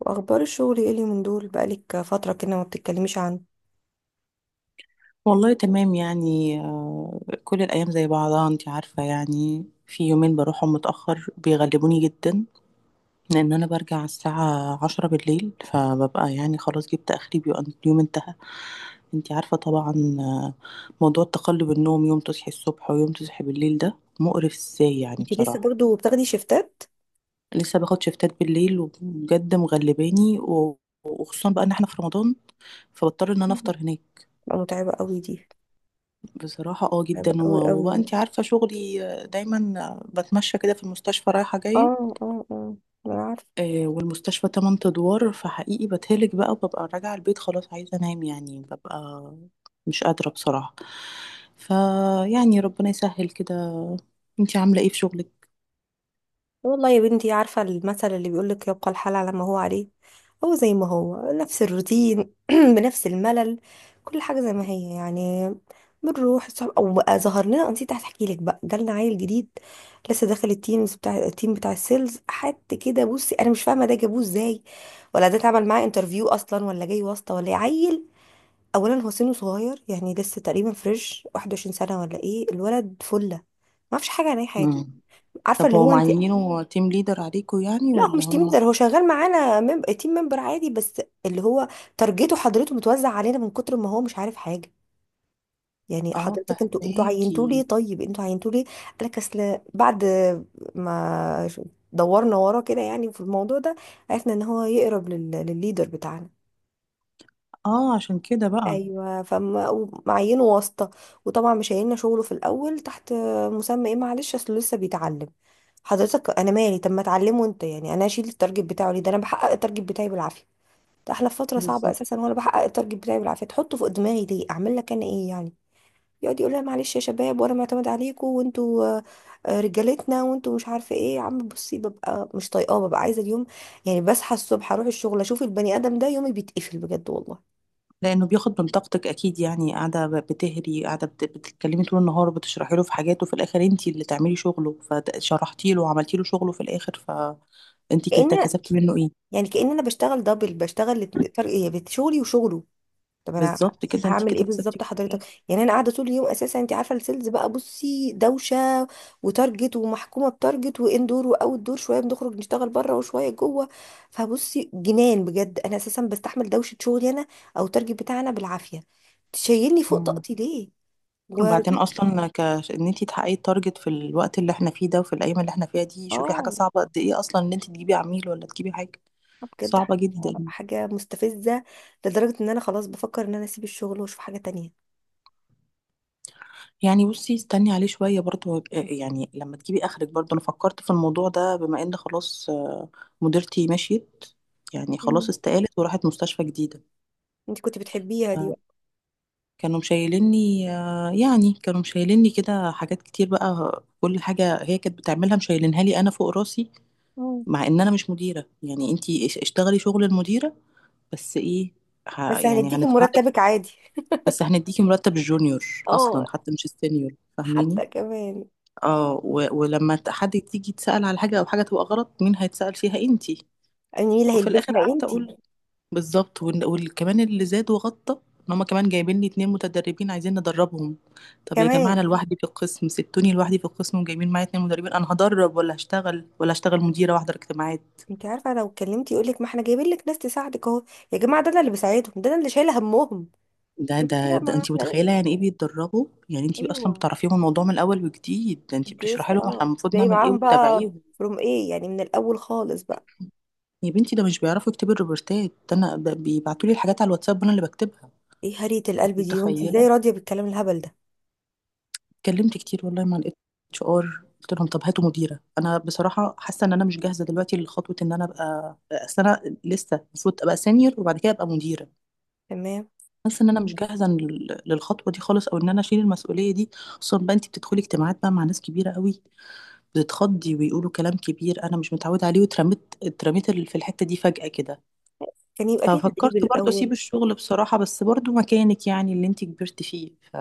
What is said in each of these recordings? واخبار الشغل ايه اللي من دول بقالك فتره كده ما بتتكلميش عنه؟ والله تمام يعني كل الأيام زي بعضها، انت عارفة. يعني في يومين بروحهم متأخر بيغلبوني جدا، لأن أنا برجع على الساعة 10 بالليل، فببقى يعني خلاص جبت آخري، بيبقى اليوم انتهى. انت عارفة طبعا. آه، موضوع تقلب النوم، يوم تصحي الصبح ويوم تصحي بالليل، ده مقرف ازاي يعني انت لسه بصراحة. برضو بتاخدي شيفتات؟ لسه باخد شفتات بالليل وبجد مغلباني وخصوصا بقى ان احنا في رمضان، فبضطر ان انا مم. افطر هناك. بقى متعبه قوي دي. بصراحة اه متعبه جدا، قوي قوي وبقى يعني. انت عارفة شغلي دايما بتمشى كده في المستشفى رايحة جاية. اه، اه، اه. انا عارفه. والمستشفى 8 ادوار، فحقيقي بتهلك بقى، وببقى راجعة البيت خلاص عايزة انام، يعني ببقى مش قادرة بصراحة. فيعني ربنا يسهل كده. انت عاملة ايه في شغلك؟ والله يا بنتي، عارفه المثل اللي بيقول لك، يبقى الحال على ما هو عليه. هو زي ما هو نفس الروتين بنفس الملل. كل حاجة زي ما هي يعني. بنروح الصبح او بقى ظهر لنا، أنا نسيت احكي لك، بقى جالنا عيل جديد. لسه داخل التيمز بتاع التيم بتاع السيلز، حد كده بصي انا مش فاهمه ده جابوه ازاي، ولا ده اتعمل معاه انترفيو اصلا، ولا جاي واسطه، ولا إيه. عيل، اولا هو سنه صغير، يعني لسه تقريبا فريش 21 سنه، ولا ايه الولد فله، ما اعرفش حاجه عن اي حاجه. مم. عارفه طب اللي هو هو انت. معينينه تيم ليدر عليكوا يعني، لا، هو ولا مش تيم هم؟ ليدر، هو شغال معانا تيم ممبر عادي، بس اللي هو تارجته حضرته متوزع علينا من كتر ما هو مش عارف حاجه. يعني اه حضرتك، انتوا عينتوه ليه؟ فهماكي. طيب انتوا عينتوه ليه؟ قال لك اصل بعد ما ش- دورنا وراه كده يعني في الموضوع ده، عرفنا ان هو يقرب للليدر بتاعنا. اه عشان كده بقى. ايوه، فمعينه واسطه. وطبعا مش هيلنا شغله في الاول تحت مسمى ايه؟ معلش، اصله لسه بيتعلم. حضرتك انا مالي، طب ما اتعلمه انت، يعني انا اشيل التارجت بتاعه ليه؟ ده انا بحقق التارجت بتاعي بالعافيه. ده احلى في فتره صعبه اساسا، وانا بحقق التارجت بتاعي بالعافيه، تحطه فوق دماغي ليه؟ اعمل لك انا ايه يعني. يقعد يقول لها معلش يا شباب، وانا معتمد عليكم، وانتوا رجالتنا، وانتوا مش عارفه ايه. يا عم بصي ببقى مش طايقاه، ببقى عايزه اليوم، يعني بصحى الصبح اروح الشغل اشوف البني ادم ده، يومي بيتقفل بجد والله. لانه بياخد من طاقتك اكيد، يعني قاعده بتهري، قاعده بتتكلمي طول النهار، بتشرحي له في حاجات، وفي الاخر انتي اللي تعملي شغله، فشرحتي له وعملتي له شغله في الاخر. فانتي كأن، كسبتي منه ايه؟ يعني كأن انا بشتغل دبل، بشتغل. فرق إيه؟ شغلي وشغله. طب انا بالظبط، كده انتي هعمل ايه كده كسبتي بالظبط منه حضرتك؟ ايه؟ يعني انا قاعده طول اليوم اساسا، انت عارفه السيلز بقى، بصي دوشه وتارجت، ومحكومه بتارجت، واندور واوت دور، شويه بنخرج نشتغل بره وشويه جوه. فبصي جنان بجد، انا اساسا بستحمل دوشه شغلي انا، او التارجت بتاعنا بالعافيه، تشيلني فوق مم. طاقتي ليه؟ وبعدين ودي. اصلا ان انتي تحققي التارجت في الوقت اللي احنا فيه ده، وفي الايام اللي احنا فيها دي، شوفي حاجه اه، صعبه قد ايه اصلا، ان انتي تجيبي عميل ولا تجيبي حاجه. بجد صعبه جدا حاجه مستفزه، لدرجه ان انا خلاص بفكر ان انا اسيب الشغل واشوف حاجه تانية. يعني. بصي استني عليه شوية برضو، يعني لما تجيبي آخرك برضو، أنا فكرت في الموضوع ده، بما إن خلاص مديرتي مشيت، يعني خلاص مم. استقالت وراحت مستشفى جديدة. انت كنت بتحبيها دي آه، بقى. كانوا مشايليني، يعني كانوا مشايليني كده حاجات كتير بقى، كل حاجة هي كانت بتعملها مشايلينها لي أنا فوق راسي، مم. مع إن أنا مش مديرة. يعني أنتي اشتغلي شغل المديرة، بس إيه؟ بس يعني هنديكي هندفعلك. مرتبك عادي. بس هنديكي مرتب الجونيور. أصلا اه، حتى مش السينيور فاهماني. حتى كمان. اه ولما حد تيجي تسأل على حاجة، أو حاجة تبقى غلط، مين هيتسأل فيها؟ انتي. يعني مين اللي وفي الآخر هيلبسها؟ قعدت انتي. أقول: بالظبط. وكمان اللي زاد وغطى، إن هما كمان جايبين لي 2 متدربين عايزين ندربهم. طب يا جماعة، كمان. أنا لوحدي في القسم، سبتوني لوحدي في القسم وجايبين معايا 2 مدربين. أنا هدرب ولا هشتغل؟ ولا هشتغل مديرة واحضر اجتماعات؟ انتي عارفه لو اتكلمتي يقول لك، ما احنا جايبين لك ناس تساعدك اهو. يا جماعه، ده انا اللي بساعدهم، ده انا اللي شايله همهم. ده يقول لك ده لا، ده ما انتي احنا لا. متخيلة يعني ايه بيتدربوا؟ يعني انتي اصلا ايوه، بتعرفيهم الموضوع من الاول، وجديد ده، انتي انتي بتشرحي لسه لهم احنا المفروض جاي نعمل ايه معاهم بقى، وتتابعيهم. فروم ايه يعني، من الاول خالص بقى. يا بنتي ده مش بيعرفوا يكتبوا الروبورتات، ده انا ده بيبعتوا لي الحاجات على الواتساب وانا اللي بكتبها. ايه هرية أنت القلب دي؟ وانتي متخيله! ازاي راضيه بالكلام الهبل ده؟ اتكلمت كتير والله مع الـ HR، قلت لهم طب هاتوا مديره، انا بصراحه حاسه ان انا مش جاهزه دلوقتي لخطوه ان انا ابقى. اصل انا لسه المفروض ابقى سينيور، وبعد كده ابقى مديره. تمام. حاسه ان انا مش جاهزه للخطوه دي خالص، او ان انا اشيل المسؤوليه دي، خصوصا بقى انت بتدخلي اجتماعات بقى مع ناس كبيره قوي، بتتخضي ويقولوا كلام كبير انا مش متعوده عليه، واترميت اترميت في الحته دي فجاه كده. كان يبقى في تدريب ففكرت برضو اسيب الاول. الشغل بصراحة، بس برضو مكانك، يعني اللي انت كبرت فيه، ف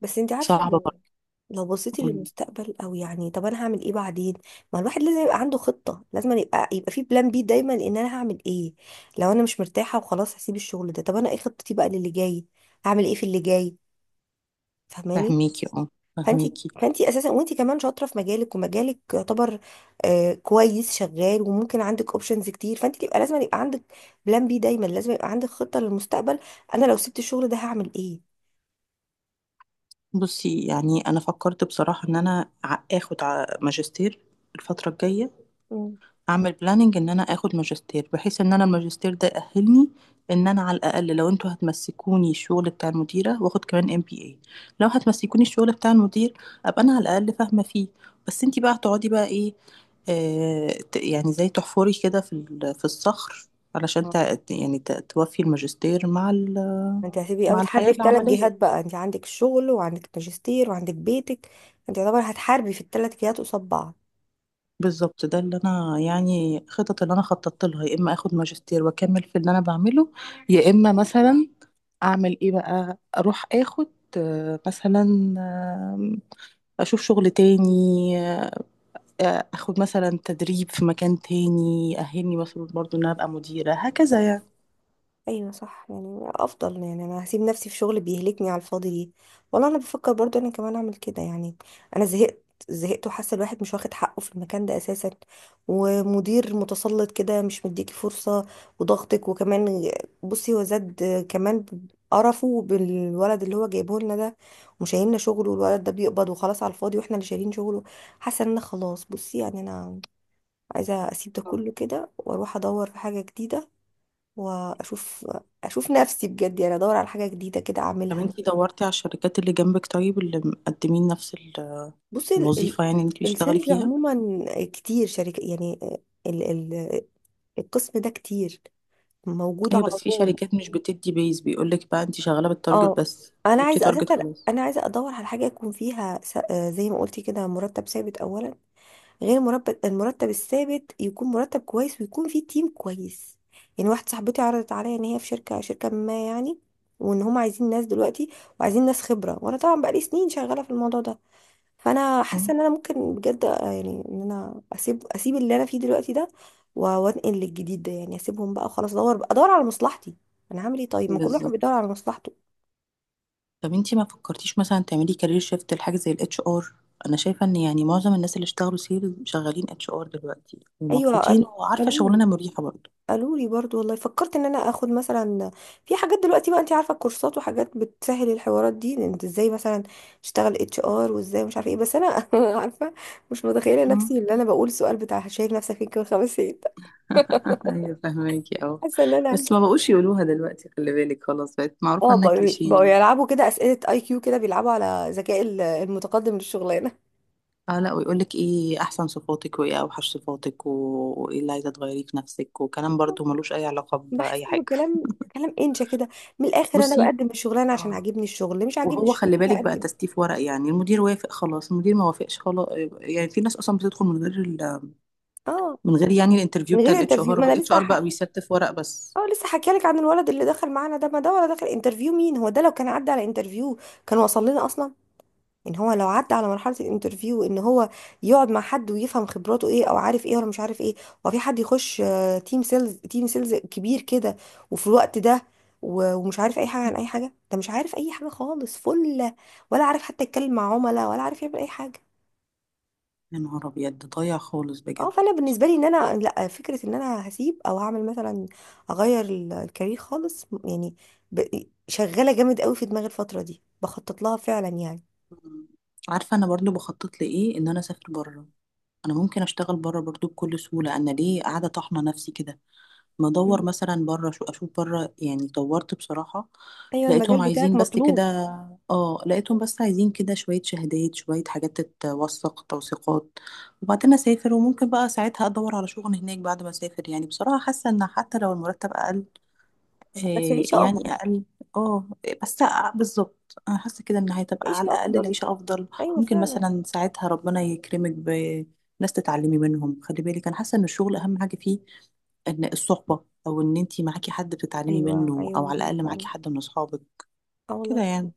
بس انتي عارفه، صعبة. لو بصيتي برضو للمستقبل، او يعني طب انا هعمل ايه بعدين؟ ما الواحد لازم يبقى عنده خطة، لازم يبقى في بلان بي دايما، ان انا هعمل ايه لو انا مش مرتاحة وخلاص هسيب الشغل ده. طب انا ايه خطتي بقى للي جاي؟ هعمل ايه في اللي جاي؟ فاهماني. فهميكي اه فانتي فهميكي فانتي اساسا، وانتي كمان شاطرة في مجالك، ومجالك يعتبر كويس، شغال، وممكن عندك اوبشنز كتير، فانتي يبقى لازم يبقى عندك بلان بي دايما، لازم يبقى عندك خطة للمستقبل. انا لو سبت الشغل ده هعمل ايه؟ بصي يعني انا فكرت بصراحة ان انا اخد ماجستير الفترة الجاية، اعمل بلاننج ان انا اخد ماجستير، بحيث ان انا الماجستير ده يأهلني ان انا على الاقل، لو انتوا هتمسكوني الشغل بتاع المديره، واخد كمان MBA. لو هتمسكوني الشغل بتاع المدير، ابقى انا على الاقل فاهمه فيه. بس انتي بقى هتقعدي بقى ايه؟ يعني زي تحفري كده في في الصخر، علشان مم. يعني توفي الماجستير مع ما انت هتبقي بقى مع الحياه بتحاربي في 3 جهات العمليه. بقى، انت عندك الشغل، وعندك الماجستير، وعندك بيتك. انت يعتبر هتحاربي في ال3 جهات قصاد بعض. بالظبط ده اللي انا يعني خطط اللي انا خططت لها، يا اما اخد ماجستير واكمل في اللي انا بعمله، يا اما مثلا اعمل ايه بقى؟ اروح اخد مثلا آه، اشوف شغل تاني، اخد مثلا تدريب في مكان تاني اهلني مثلا برضو ان انا ابقى مديرة هكذا يعني. ايوه صح، يعني افضل، يعني انا هسيب نفسي في شغل بيهلكني على الفاضي ليه؟ والله انا بفكر برضو انا كمان اعمل كده يعني. انا زهقت. زهقت، وحاسه الواحد مش واخد حقه في المكان ده اساسا، ومدير متسلط كده، مش مديكي فرصه، وضغطك وكمان، بصي هو زاد كمان قرفه بالولد اللي هو جايبه لنا ده، وشايلنا شغله، والولد ده بيقبض وخلاص على الفاضي، واحنا اللي شايلين شغله. حاسه ان انا خلاص، بصي يعني انا عايزه اسيب ده كله كده، واروح ادور في حاجه جديده، واشوف، اشوف نفسي بجد، يعني ادور على حاجه جديده كده طب اعملها. انتي دورتي على الشركات اللي جنبك؟ طيب اللي مقدمين نفس بصي الوظيفة، يعني اللي انتي بتشتغلي السيلز فيها. عموما، كتير شركه يعني، ال... ال... القسم ده كتير، موجود ايوه، على بس في طول. شركات مش بتدي بيز، بيقولك بقى انتي شغالة بالتارجت، اه، بس انا جبتي عايزه تارجت اساسا، خلاص. انا عايزه ادور على حاجه يكون فيها س... آه، زي ما قلتي كده، مرتب ثابت اولا، غير مرتب، المرتب الثابت يكون مرتب كويس، ويكون فيه تيم كويس. يعني واحده صاحبتي عرضت عليا ان هي في شركه ما يعني، وان هم عايزين ناس دلوقتي، وعايزين ناس خبره، وانا طبعا بقالي سنين شغاله في الموضوع ده، فانا حاسه اه ان انا ممكن بجد، يعني ان انا اسيب اللي انا فيه دلوقتي ده، وانقل للجديد ده، يعني اسيبهم بقى وخلاص، ادور على مصلحتي. انا هعمل ايه طيب؟ ما كل واحد بالظبط. بيدور على مصلحته. طب انتي ما فكرتيش مثلا تعملي كارير شيفت لحاجه زي الـ HR؟ انا شايفه ان يعني معظم الناس اللي اشتغلوا سيل شغالين HR دلوقتي ايوه، ومبسوطين، وعارفه قالوا شغلانه مريحه برضه. قالوا لي برضو، والله فكرت ان انا اخد مثلا، في حاجات دلوقتي بقى انت عارفه، الكورسات وحاجات بتسهل الحوارات دي، إن انت ازاي مثلا تشتغل HR، وازاي مش عارفه ايه، بس انا عارفه، مش متخيله مم. نفسي اللي انا بقول سؤال بتاع شايف نفسك فين كمان 5 سنين. ايوه فهماكي اه. حاسه ان انا، بس ما بقوش يقولوها دلوقتي، خلي بالك، خلاص بقت معروفه اه، انها بقوا كليشيه بقوا يعني. يلعبوا كده اسئله IQ كده، بيلعبوا على ذكاء المتقدم للشغلانه. اه لا، ويقولك ايه احسن صفاتك، وايه اوحش صفاتك، وايه اللي عايزه تغيريه في نفسك، وكلام برضو ملوش اي علاقه بحس باي انه حاجه. كلام انشا كده. من الاخر انا بصي بقدم الشغلانه عشان اه، عاجبني الشغل، مش عاجبني وهو الشغل خلي مش بالك بقى هقدم. تستيف ورق، يعني المدير وافق خلاص، المدير ما وافقش خلاص. يعني في ناس اصلا بتدخل اه، من غير يعني الانترفيو من بتاع غير الاتش انترفيو. ار ما انا والاتش لسه، ار بقى بيستف ورق بس. اه لسه حكيالك لك عن الولد اللي دخل معانا ده، ما ده ولا دخل انترفيو. مين هو ده؟ لو كان عدى على انترفيو كان وصل لنا اصلا ان هو لو عدى على مرحله الانترفيو، ان هو يقعد مع حد ويفهم خبراته ايه، او عارف ايه ولا مش عارف ايه. وفي حد يخش تيم سيلز كبير كده، وفي الوقت ده، ومش عارف اي حاجه عن اي حاجه. ده مش عارف اي حاجه خالص فله، ولا عارف حتى يتكلم مع عملاء، ولا عارف يعمل اي حاجه. يا نهار ابيض، ده ضايع خالص اه، بجد. فانا بالنسبه لي ان انا لا، فكره ان انا هسيب او هعمل مثلا، اغير الكارير خالص، يعني، شغاله جامد قوي في دماغي الفتره دي، بخطط لها فعلا يعني. مم. عارفه انا برضو بخطط لايه؟ ان انا اسافر بره. انا ممكن اشتغل بره برضو بكل سهوله، انا ليه قاعده طاحنه نفسي كده؟ بدور مم. مثلا بره، شو اشوف بره يعني، دورت بصراحة ايوه لقيتهم المجال بتاعك عايزين بس كده. مطلوب. اه لقيتهم بس عايزين كده شوية شهادات، شوية حاجات تتوثق، توثيقات. وبعدين اسافر، وممكن بقى ساعتها ادور على شغل هناك بعد ما اسافر. يعني بصراحة حاسة ان حتى لو المرتب اقل، بس عيشه إيه يعني افضل. اقل؟ اه بس. بالظبط انا حاسه كده ان هتبقى على عيشه الاقل افضل، العيشه افضل. ايوه ممكن فعلا. مثلا ساعتها ربنا يكرمك بناس تتعلمي منهم، خلي بالك. انا حاسه ان الشغل اهم حاجه فيه، ان الصحبه، او ان انتي معاكي حد بتتعلمي ايوه، منه، او ايوه، على ايوه، الاقل معاكي فعلا. حد من اصحابك اه كده والله، يعني.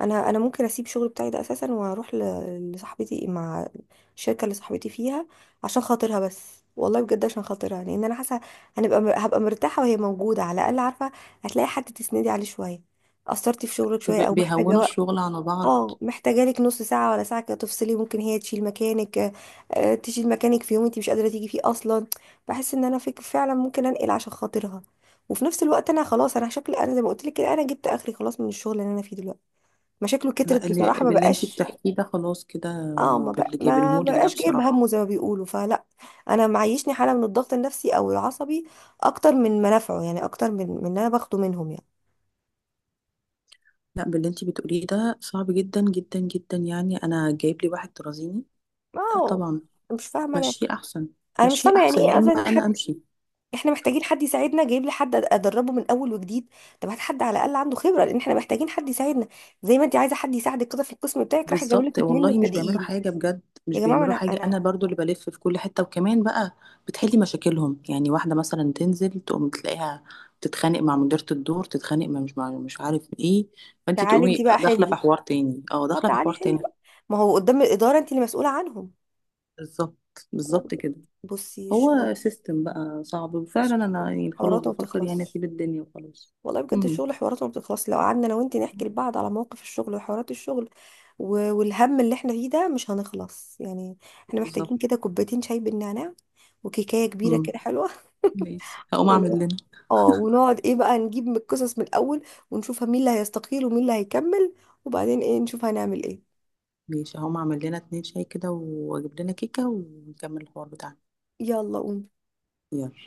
انا ممكن اسيب الشغل بتاعي ده اساسا، واروح لصاحبتي، مع الشركه اللي صاحبتي فيها، عشان خاطرها بس، والله بجد عشان خاطرها، لان انا حاسه هنبقى هبقى مرتاحه، وهي موجوده على الاقل عارفه، هتلاقي حد تسندي عليه شويه، قصرتي في شغلك شويه، او محتاجه بيهونوا وقت، الشغل على بعض. اه محتاجه لك نص ساعه ولا ساعه كده تفصلي، ممكن هي تشيل مكانك، تشيل مكانك في يوم انت مش قادره تيجي فيه اصلا. بحس ان انا فك فعلا، ممكن انقل عشان خاطرها، وفي نفس الوقت انا خلاص، انا شكلي انا زي ما قلت لك كده، انا جبت اخري خلاص من الشغل اللي انا فيه دلوقتي، مشاكله لا كترت بصراحة، ما باللي انتي بقاش، بتحكيه ده خلاص كده، اه باللي ما جايبينهولك ده بقاش جايب بصراحه. همه زي ما بيقولوا فلا. انا معيشني حالة من الضغط النفسي او العصبي اكتر من منافعه، يعني اكتر من اللي انا باخده منهم يعني. لا باللي انتي بتقوليه ده صعب جدا جدا جدا، يعني انا جايب لي واحد ترازيني؟ لا اه، طبعا. مش فاهمة انا، مشيه احسن، انا مش مشيه فاهمة يعني احسن، يا ايه اما اصلا. انا حد، امشي. احنا محتاجين حد يساعدنا، جايب لي حد ادربه من اول وجديد. طب هات حد على الاقل عنده خبرة، لان احنا محتاجين حد يساعدنا. زي ما انت عايزة حد يساعدك كده في القسم بتاعك، راح جايب بالظبط لك اتنين والله، مش بيعملوا مبتدئين حاجه بجد، مش يا جماعة بيعملوا انا حاجه. انا انا برضو اللي بلف في كل حته، وكمان بقى بتحلي مشاكلهم، يعني واحده مثلا تنزل تقوم تلاقيها تتخانق مع مديره الدور، تتخانق مع مش عارف ايه، فانت تعالي تقومي انت بقى داخله في حلي. حوار تاني، اه، داخله في تعالي حوار حلي تاني. بقى. ما هو قدام الإدارة انت اللي مسؤولة عنهم. بالظبط، لا بالظبط بجد. كده. بصي هو الشغل، سيستم بقى صعب، وفعلا انا الشغل يعني خلاص حواراته ما بفكر يعني بتخلصش. اسيب الدنيا وخلاص. والله بجد امم الشغل حواراته ما بتخلصش، لو قعدنا انا وانتي نحكي لبعض على مواقف الشغل وحوارات الشغل، والهم اللي احنا فيه ده، مش هنخلص يعني. احنا محتاجين بالظبط. كده كوبايتين شاي بالنعناع، وكيكاية كبيرة امم كده حلوة. ماشي هقوم اعمل ونقعد- لنا اه، ونقعد ايه بقى، نجيب من القصص من الأول، ونشوفها مين اللي هيستقيل ومين اللي هيكمل، وبعدين ايه نشوف هنعمل ايه. ماشي هقوم اعمل لنا 2 شاي كده، واجيب لنا كيكة، ونكمل الحوار بتاعنا. يلا قوم. يلا.